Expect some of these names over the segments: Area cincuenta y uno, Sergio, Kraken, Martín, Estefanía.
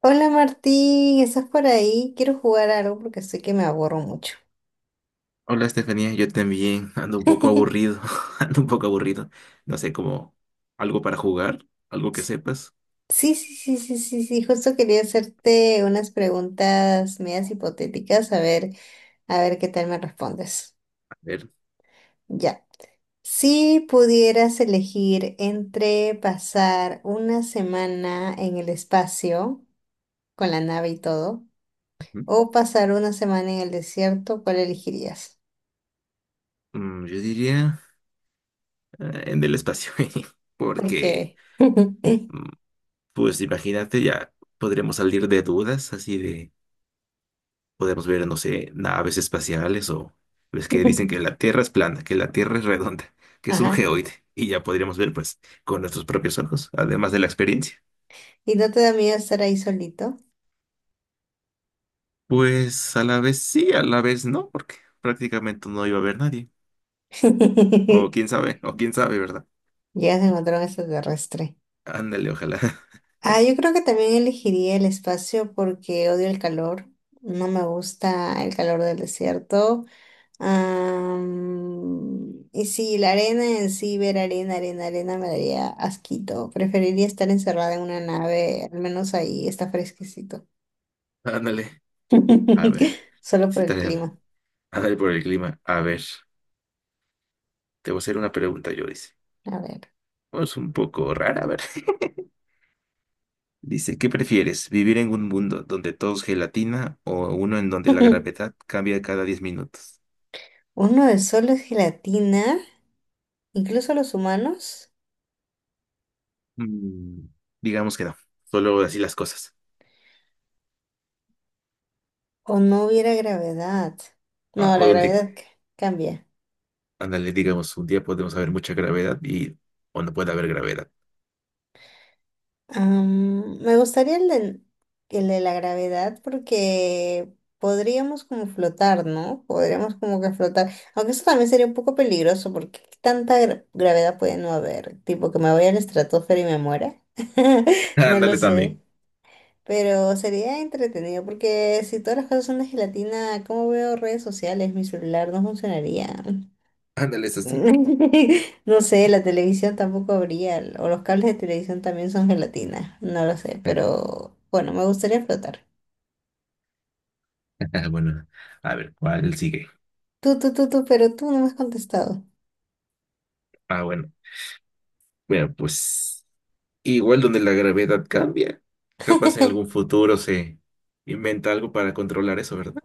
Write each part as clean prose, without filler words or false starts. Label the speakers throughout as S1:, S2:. S1: Hola Martín, ¿estás por ahí? Quiero jugar algo porque sé que me aburro mucho.
S2: Hola Estefanía, yo también ando un poco aburrido, ando un poco aburrido. No sé, como algo para jugar, algo que sepas.
S1: Sí, sí, sí, sí, sí, sí, justo quería hacerte unas preguntas medias hipotéticas, a ver qué tal me respondes.
S2: A ver,
S1: Ya. Si pudieras elegir entre pasar una semana en el espacio, con la nave y todo,
S2: ujú.
S1: o pasar una semana en el desierto, ¿cuál elegirías?
S2: Yo diría en el espacio, porque
S1: Porque...
S2: mm, pues imagínate, ya podremos salir de dudas, así de podemos ver, no sé, naves espaciales o ves que dicen que la Tierra es plana, que la Tierra es redonda, que es un
S1: Ajá.
S2: geoide y ya podríamos ver pues con nuestros propios ojos, además de la experiencia.
S1: ¿Y no te da miedo estar ahí solito?
S2: Pues a la vez sí, a la vez no, porque prácticamente no iba a haber nadie. O quién sabe, ¿verdad?
S1: Ya se encontró un extraterrestre.
S2: Ándale, ojalá.
S1: Ah, yo creo que también elegiría el espacio porque odio el calor. No me gusta el calor del desierto. Y sí, la arena en sí, ver arena, arena, arena me daría asquito. Preferiría estar encerrada en una nave, al menos ahí está fresquecito.
S2: Ándale. A ver,
S1: Solo por
S2: sí,
S1: el
S2: tarea.
S1: clima.
S2: Ándale por el clima. A ver, te voy a hacer una pregunta, yo dice.
S1: A ver.
S2: Oh, es un poco rara, a ver. Dice, ¿qué prefieres? ¿Vivir en un mundo donde todo es gelatina o uno en donde la gravedad cambia cada 10 minutos?
S1: ¿Uno de sol es gelatina? ¿Incluso los humanos?
S2: Mm, digamos que no, solo así las cosas.
S1: O no hubiera gravedad.
S2: Ah,
S1: No,
S2: o
S1: la
S2: donde,
S1: gravedad cambia.
S2: ándale, digamos, un día podemos haber mucha gravedad y o no puede haber gravedad.
S1: Me gustaría el de la gravedad porque podríamos como flotar, ¿no? Podríamos como que flotar. Aunque eso también sería un poco peligroso porque ¿qué tanta gravedad puede no haber? Tipo que me voy a la estratosfera y me muera. No lo
S2: Ándale
S1: sé.
S2: también.
S1: Pero sería entretenido porque si todas las cosas son de gelatina, ¿cómo veo redes sociales? Mi celular no funcionaría.
S2: Ándale, es así.
S1: No sé, la televisión tampoco habría, o los cables de televisión también son gelatina, no lo sé, pero bueno, me gustaría flotar.
S2: Bueno, a ver, ¿cuál sigue?
S1: Pero tú no me has contestado.
S2: Ah, bueno. Bueno, pues igual donde la gravedad cambia. Capaz en algún futuro se inventa algo para controlar eso, ¿verdad?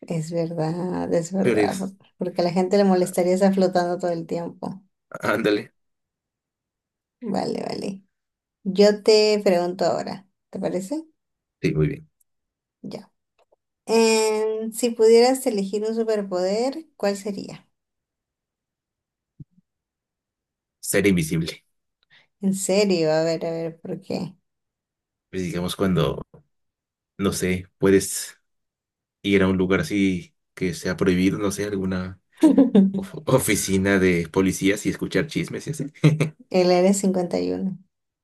S1: Es
S2: Pero
S1: verdad,
S2: es,
S1: porque a la gente le molestaría estar flotando todo el tiempo.
S2: ándale.
S1: Vale, vale. Yo te pregunto ahora, ¿te parece?
S2: Sí, muy bien.
S1: Ya. Si pudieras elegir un superpoder, ¿cuál sería?
S2: Ser invisible.
S1: En serio, a ver, ¿por qué?
S2: Pues digamos cuando, no sé, puedes ir a un lugar así que sea prohibido, no sé, alguna oficina de policías y escuchar chismes y así.
S1: El área 51.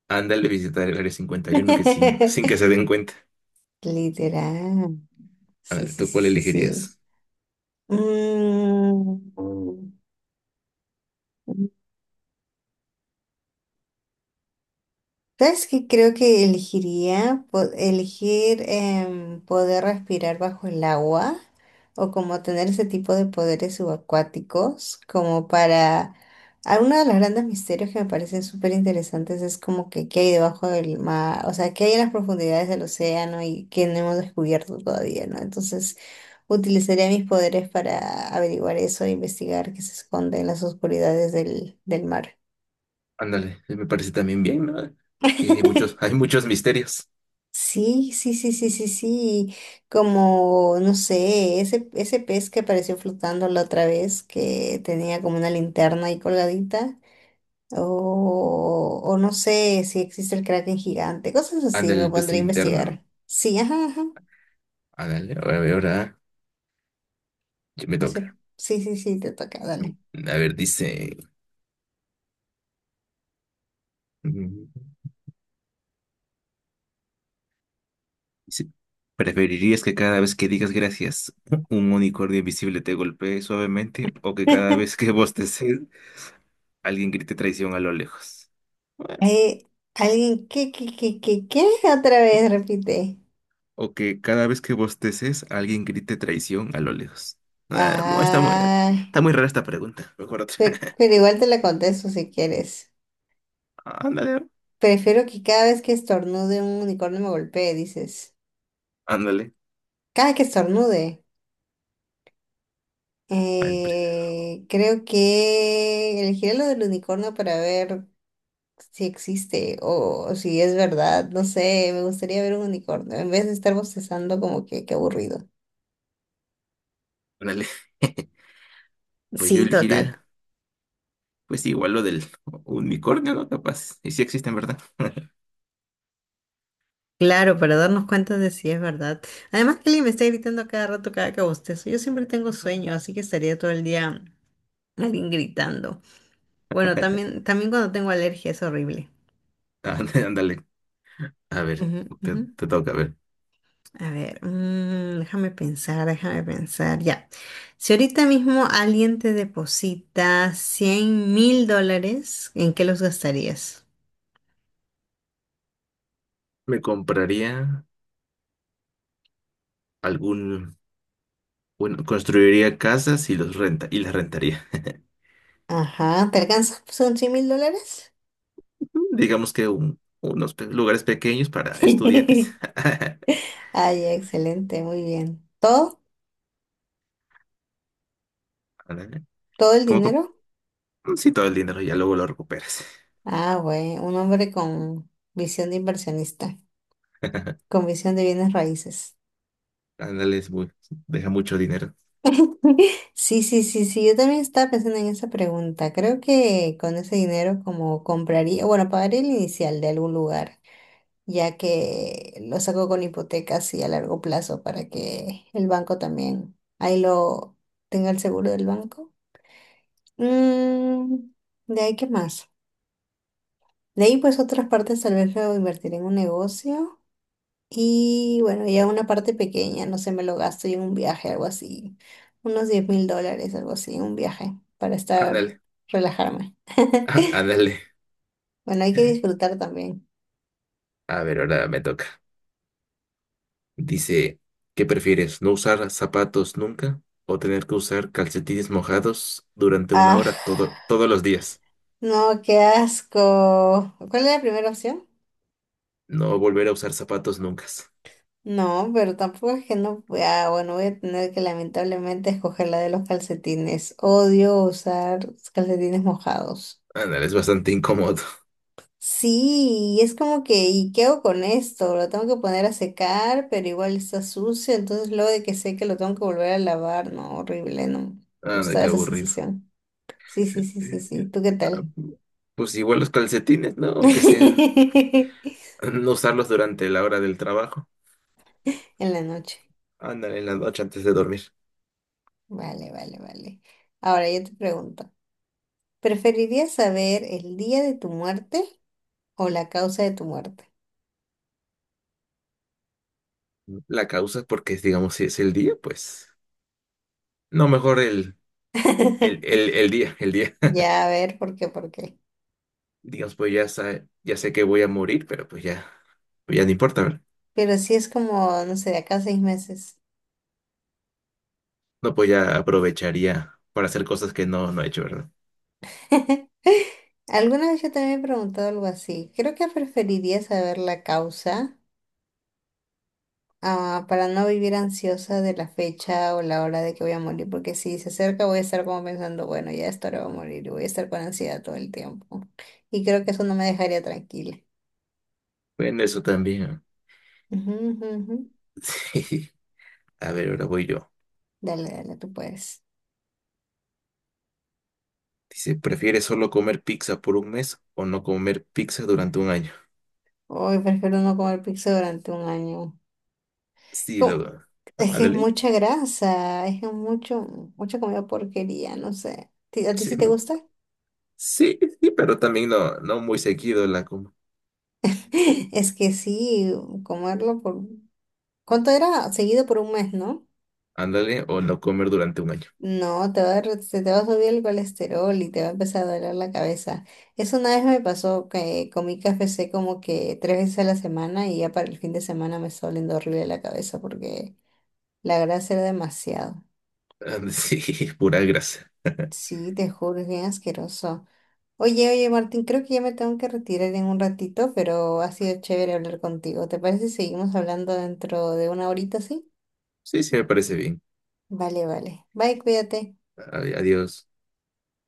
S2: Ándale, visitar el área 51 que sin, sin que se den cuenta.
S1: Literal. Sí,
S2: Ándale,
S1: sí,
S2: ¿tú cuál
S1: sí, sí, sí.
S2: elegirías?
S1: Mm, mm. ¿Sabes qué? Creo que elegiría elegir poder respirar bajo el agua o como tener ese tipo de poderes subacuáticos, como para... Uno de los grandes misterios que me parecen súper interesantes es como que qué hay debajo del mar, o sea, qué hay en las profundidades del océano y que no hemos descubierto todavía, ¿no? Entonces... Utilizaría mis poderes para averiguar eso e investigar qué se esconde en las oscuridades del mar.
S2: Ándale, me parece también bien, ¿no? Y hay muchos misterios.
S1: Sí, sí, sí, sí, sí, sí. Como, no sé, ese pez que apareció flotando la otra vez, que tenía como una linterna ahí colgadita. O no sé si existe el Kraken gigante. Cosas así, me
S2: Ándale, pues
S1: pondría a
S2: linterna, ¿no?
S1: investigar. Sí, ajá, ajá.
S2: Ándale, ahora, ahora ya me
S1: Ese,
S2: toca.
S1: sí, sí, sí, te toca, dale.
S2: A ver, dice, mm, dice, ¿preferirías que cada vez que digas gracias, un unicornio invisible te golpee suavemente o que cada vez que bosteces, alguien grite traición a lo lejos? Bueno,
S1: Eh, ¿Alguien qué, qué, qué, qué, qué? Otra vez repite.
S2: o que cada vez que bosteces, alguien grite traición a lo lejos. Ah, está muy,
S1: Ay,
S2: está muy rara esta pregunta. Mejor otra.
S1: pero igual te la contesto si quieres.
S2: Ándale,
S1: Prefiero que cada vez que estornude un unicornio me golpee, dices.
S2: ándale,
S1: Cada que estornude.
S2: ándale,
S1: Creo que elegiré lo del unicornio para ver si existe o si es verdad. No sé, me gustaría ver un unicornio en vez de estar bostezando como que qué aburrido.
S2: ándale. Pues yo
S1: Sí, total.
S2: elegiría, pues igual lo del unicornio, ¿no? Capaz. Y sí existen, ¿verdad?
S1: Claro, para darnos cuenta de si es verdad. Además que alguien me está gritando a cada rato, cada que bostezo. Yo siempre tengo sueño, así que estaría todo el día alguien gritando. Bueno, también cuando tengo alergia es horrible.
S2: Ándale, ándale. A ver,
S1: Ujú,
S2: te,
S1: ujú.
S2: te toca, a ver.
S1: A ver, déjame pensar, déjame pensar. Ya. Si ahorita mismo alguien te deposita $100,000, ¿en qué los gastarías?
S2: Me compraría algún, bueno, construiría casas y los renta, y las rentaría.
S1: Ajá, ¿te alcanzas? ¿Son $100,000?
S2: Digamos que unos lugares pequeños para estudiantes.
S1: Ay, excelente, muy bien. ¿Todo?
S2: Ándale.
S1: ¿Todo el
S2: Como, como,
S1: dinero?
S2: sí, todo el dinero ya luego lo recuperas.
S1: Ah, güey, un hombre con visión de inversionista, con visión de bienes raíces.
S2: Ándale, es muy, deja mucho dinero.
S1: Sí, sí, sí, sí, yo también estaba pensando en esa pregunta. Creo que con ese dinero como compraría, bueno, pagaría el inicial de algún lugar, ya que lo saco con hipotecas y a largo plazo para que el banco también ahí lo tenga el seguro del banco. Mm, de ahí, ¿qué más? De ahí, pues otras partes tal vez lo invertiré en un negocio. Y bueno, ya una parte pequeña, no sé, me lo gasto yo en un viaje, algo así. Unos $10,000, algo así, un viaje, para estar,
S2: Ándale.
S1: relajarme.
S2: Ándale.
S1: Bueno, hay que disfrutar también.
S2: A ver, ahora me toca. Dice, ¿qué prefieres? ¿No usar zapatos nunca o tener que usar calcetines mojados durante una
S1: Ah,
S2: hora todos los días?
S1: no, qué asco. ¿Cuál es la primera opción?
S2: No volver a usar zapatos nunca.
S1: No, pero tampoco es que no. Ah, bueno, voy a tener que lamentablemente escoger la de los calcetines. Odio usar calcetines mojados.
S2: Ándale, es bastante incómodo.
S1: Sí, y es como que, ¿y qué hago con esto? Lo tengo que poner a secar, pero igual está sucio, entonces luego de que seque lo tengo que volver a lavar, no, horrible, no. Me
S2: Ándale,
S1: gusta
S2: qué
S1: esa
S2: aburrido.
S1: sensación. Sí, sí, sí, sí, sí. ¿Tú qué
S2: Ah,
S1: tal?
S2: Pues igual los calcetines, ¿no? Aunque sea no usarlos durante la hora del trabajo.
S1: En la noche.
S2: Ándale, en la noche antes de dormir.
S1: Vale, vale, vale. Ahora yo te pregunto, ¿preferirías saber el día de tu muerte o la causa de tu muerte?
S2: La causa, porque digamos, si es el día, pues no, mejor el, el, el, el día, el día.
S1: Ya, a ver, ¿por qué? ¿Por qué?
S2: Digamos, pues ya sé que voy a morir, pero pues ya. Pues, ya no importa, ¿verdad?
S1: Pero si es como, no sé, de acá a 6 meses.
S2: No, pues ya aprovecharía para hacer cosas que no he hecho, ¿verdad?
S1: Alguna vez yo también me he preguntado algo así. Creo que preferiría saber la causa, para no vivir ansiosa de la fecha o la hora de que voy a morir, porque si se acerca voy a estar como pensando, bueno, ya esta hora voy a morir y voy a estar con ansiedad todo el tiempo. Y creo que eso no me dejaría tranquila.
S2: Bueno, eso también.
S1: Ujú, ujú, ujú.
S2: Sí. A ver, ahora voy yo.
S1: Dale, dale, tú puedes.
S2: Dice, ¿prefieres solo comer pizza por un mes o no comer pizza durante un año?
S1: Hoy prefiero no comer pizza durante un año.
S2: Sí,
S1: Como
S2: lo...
S1: Es que es
S2: Ándale.
S1: mucha grasa, mucha comida porquería, no sé. ¿A ti
S2: Sí,
S1: sí te gusta?
S2: sí, sí, pero también no muy seguido la como.
S1: Es que sí, comerlo por... ¿Cuánto era? Seguido por un mes, ¿no?
S2: Ándale, o no comer durante un año.
S1: No, te va a, dar- se te va a subir el colesterol y te va a empezar a doler la cabeza. Eso una vez me pasó que comí KFC como que tres veces a la semana y ya para el fin de semana me estaba doliendo horrible la cabeza porque la grasa era demasiado.
S2: Ándale. Sí, pura grasa.
S1: Sí, te juro, es bien asqueroso. Oye, oye, Martín, creo que ya me tengo que retirar en un ratito, pero ha sido chévere hablar contigo. ¿Te parece si seguimos hablando dentro de una horita, sí?
S2: Sí, sí, me parece bien.
S1: Vale, vale. Bye, cuídate.
S2: Adiós.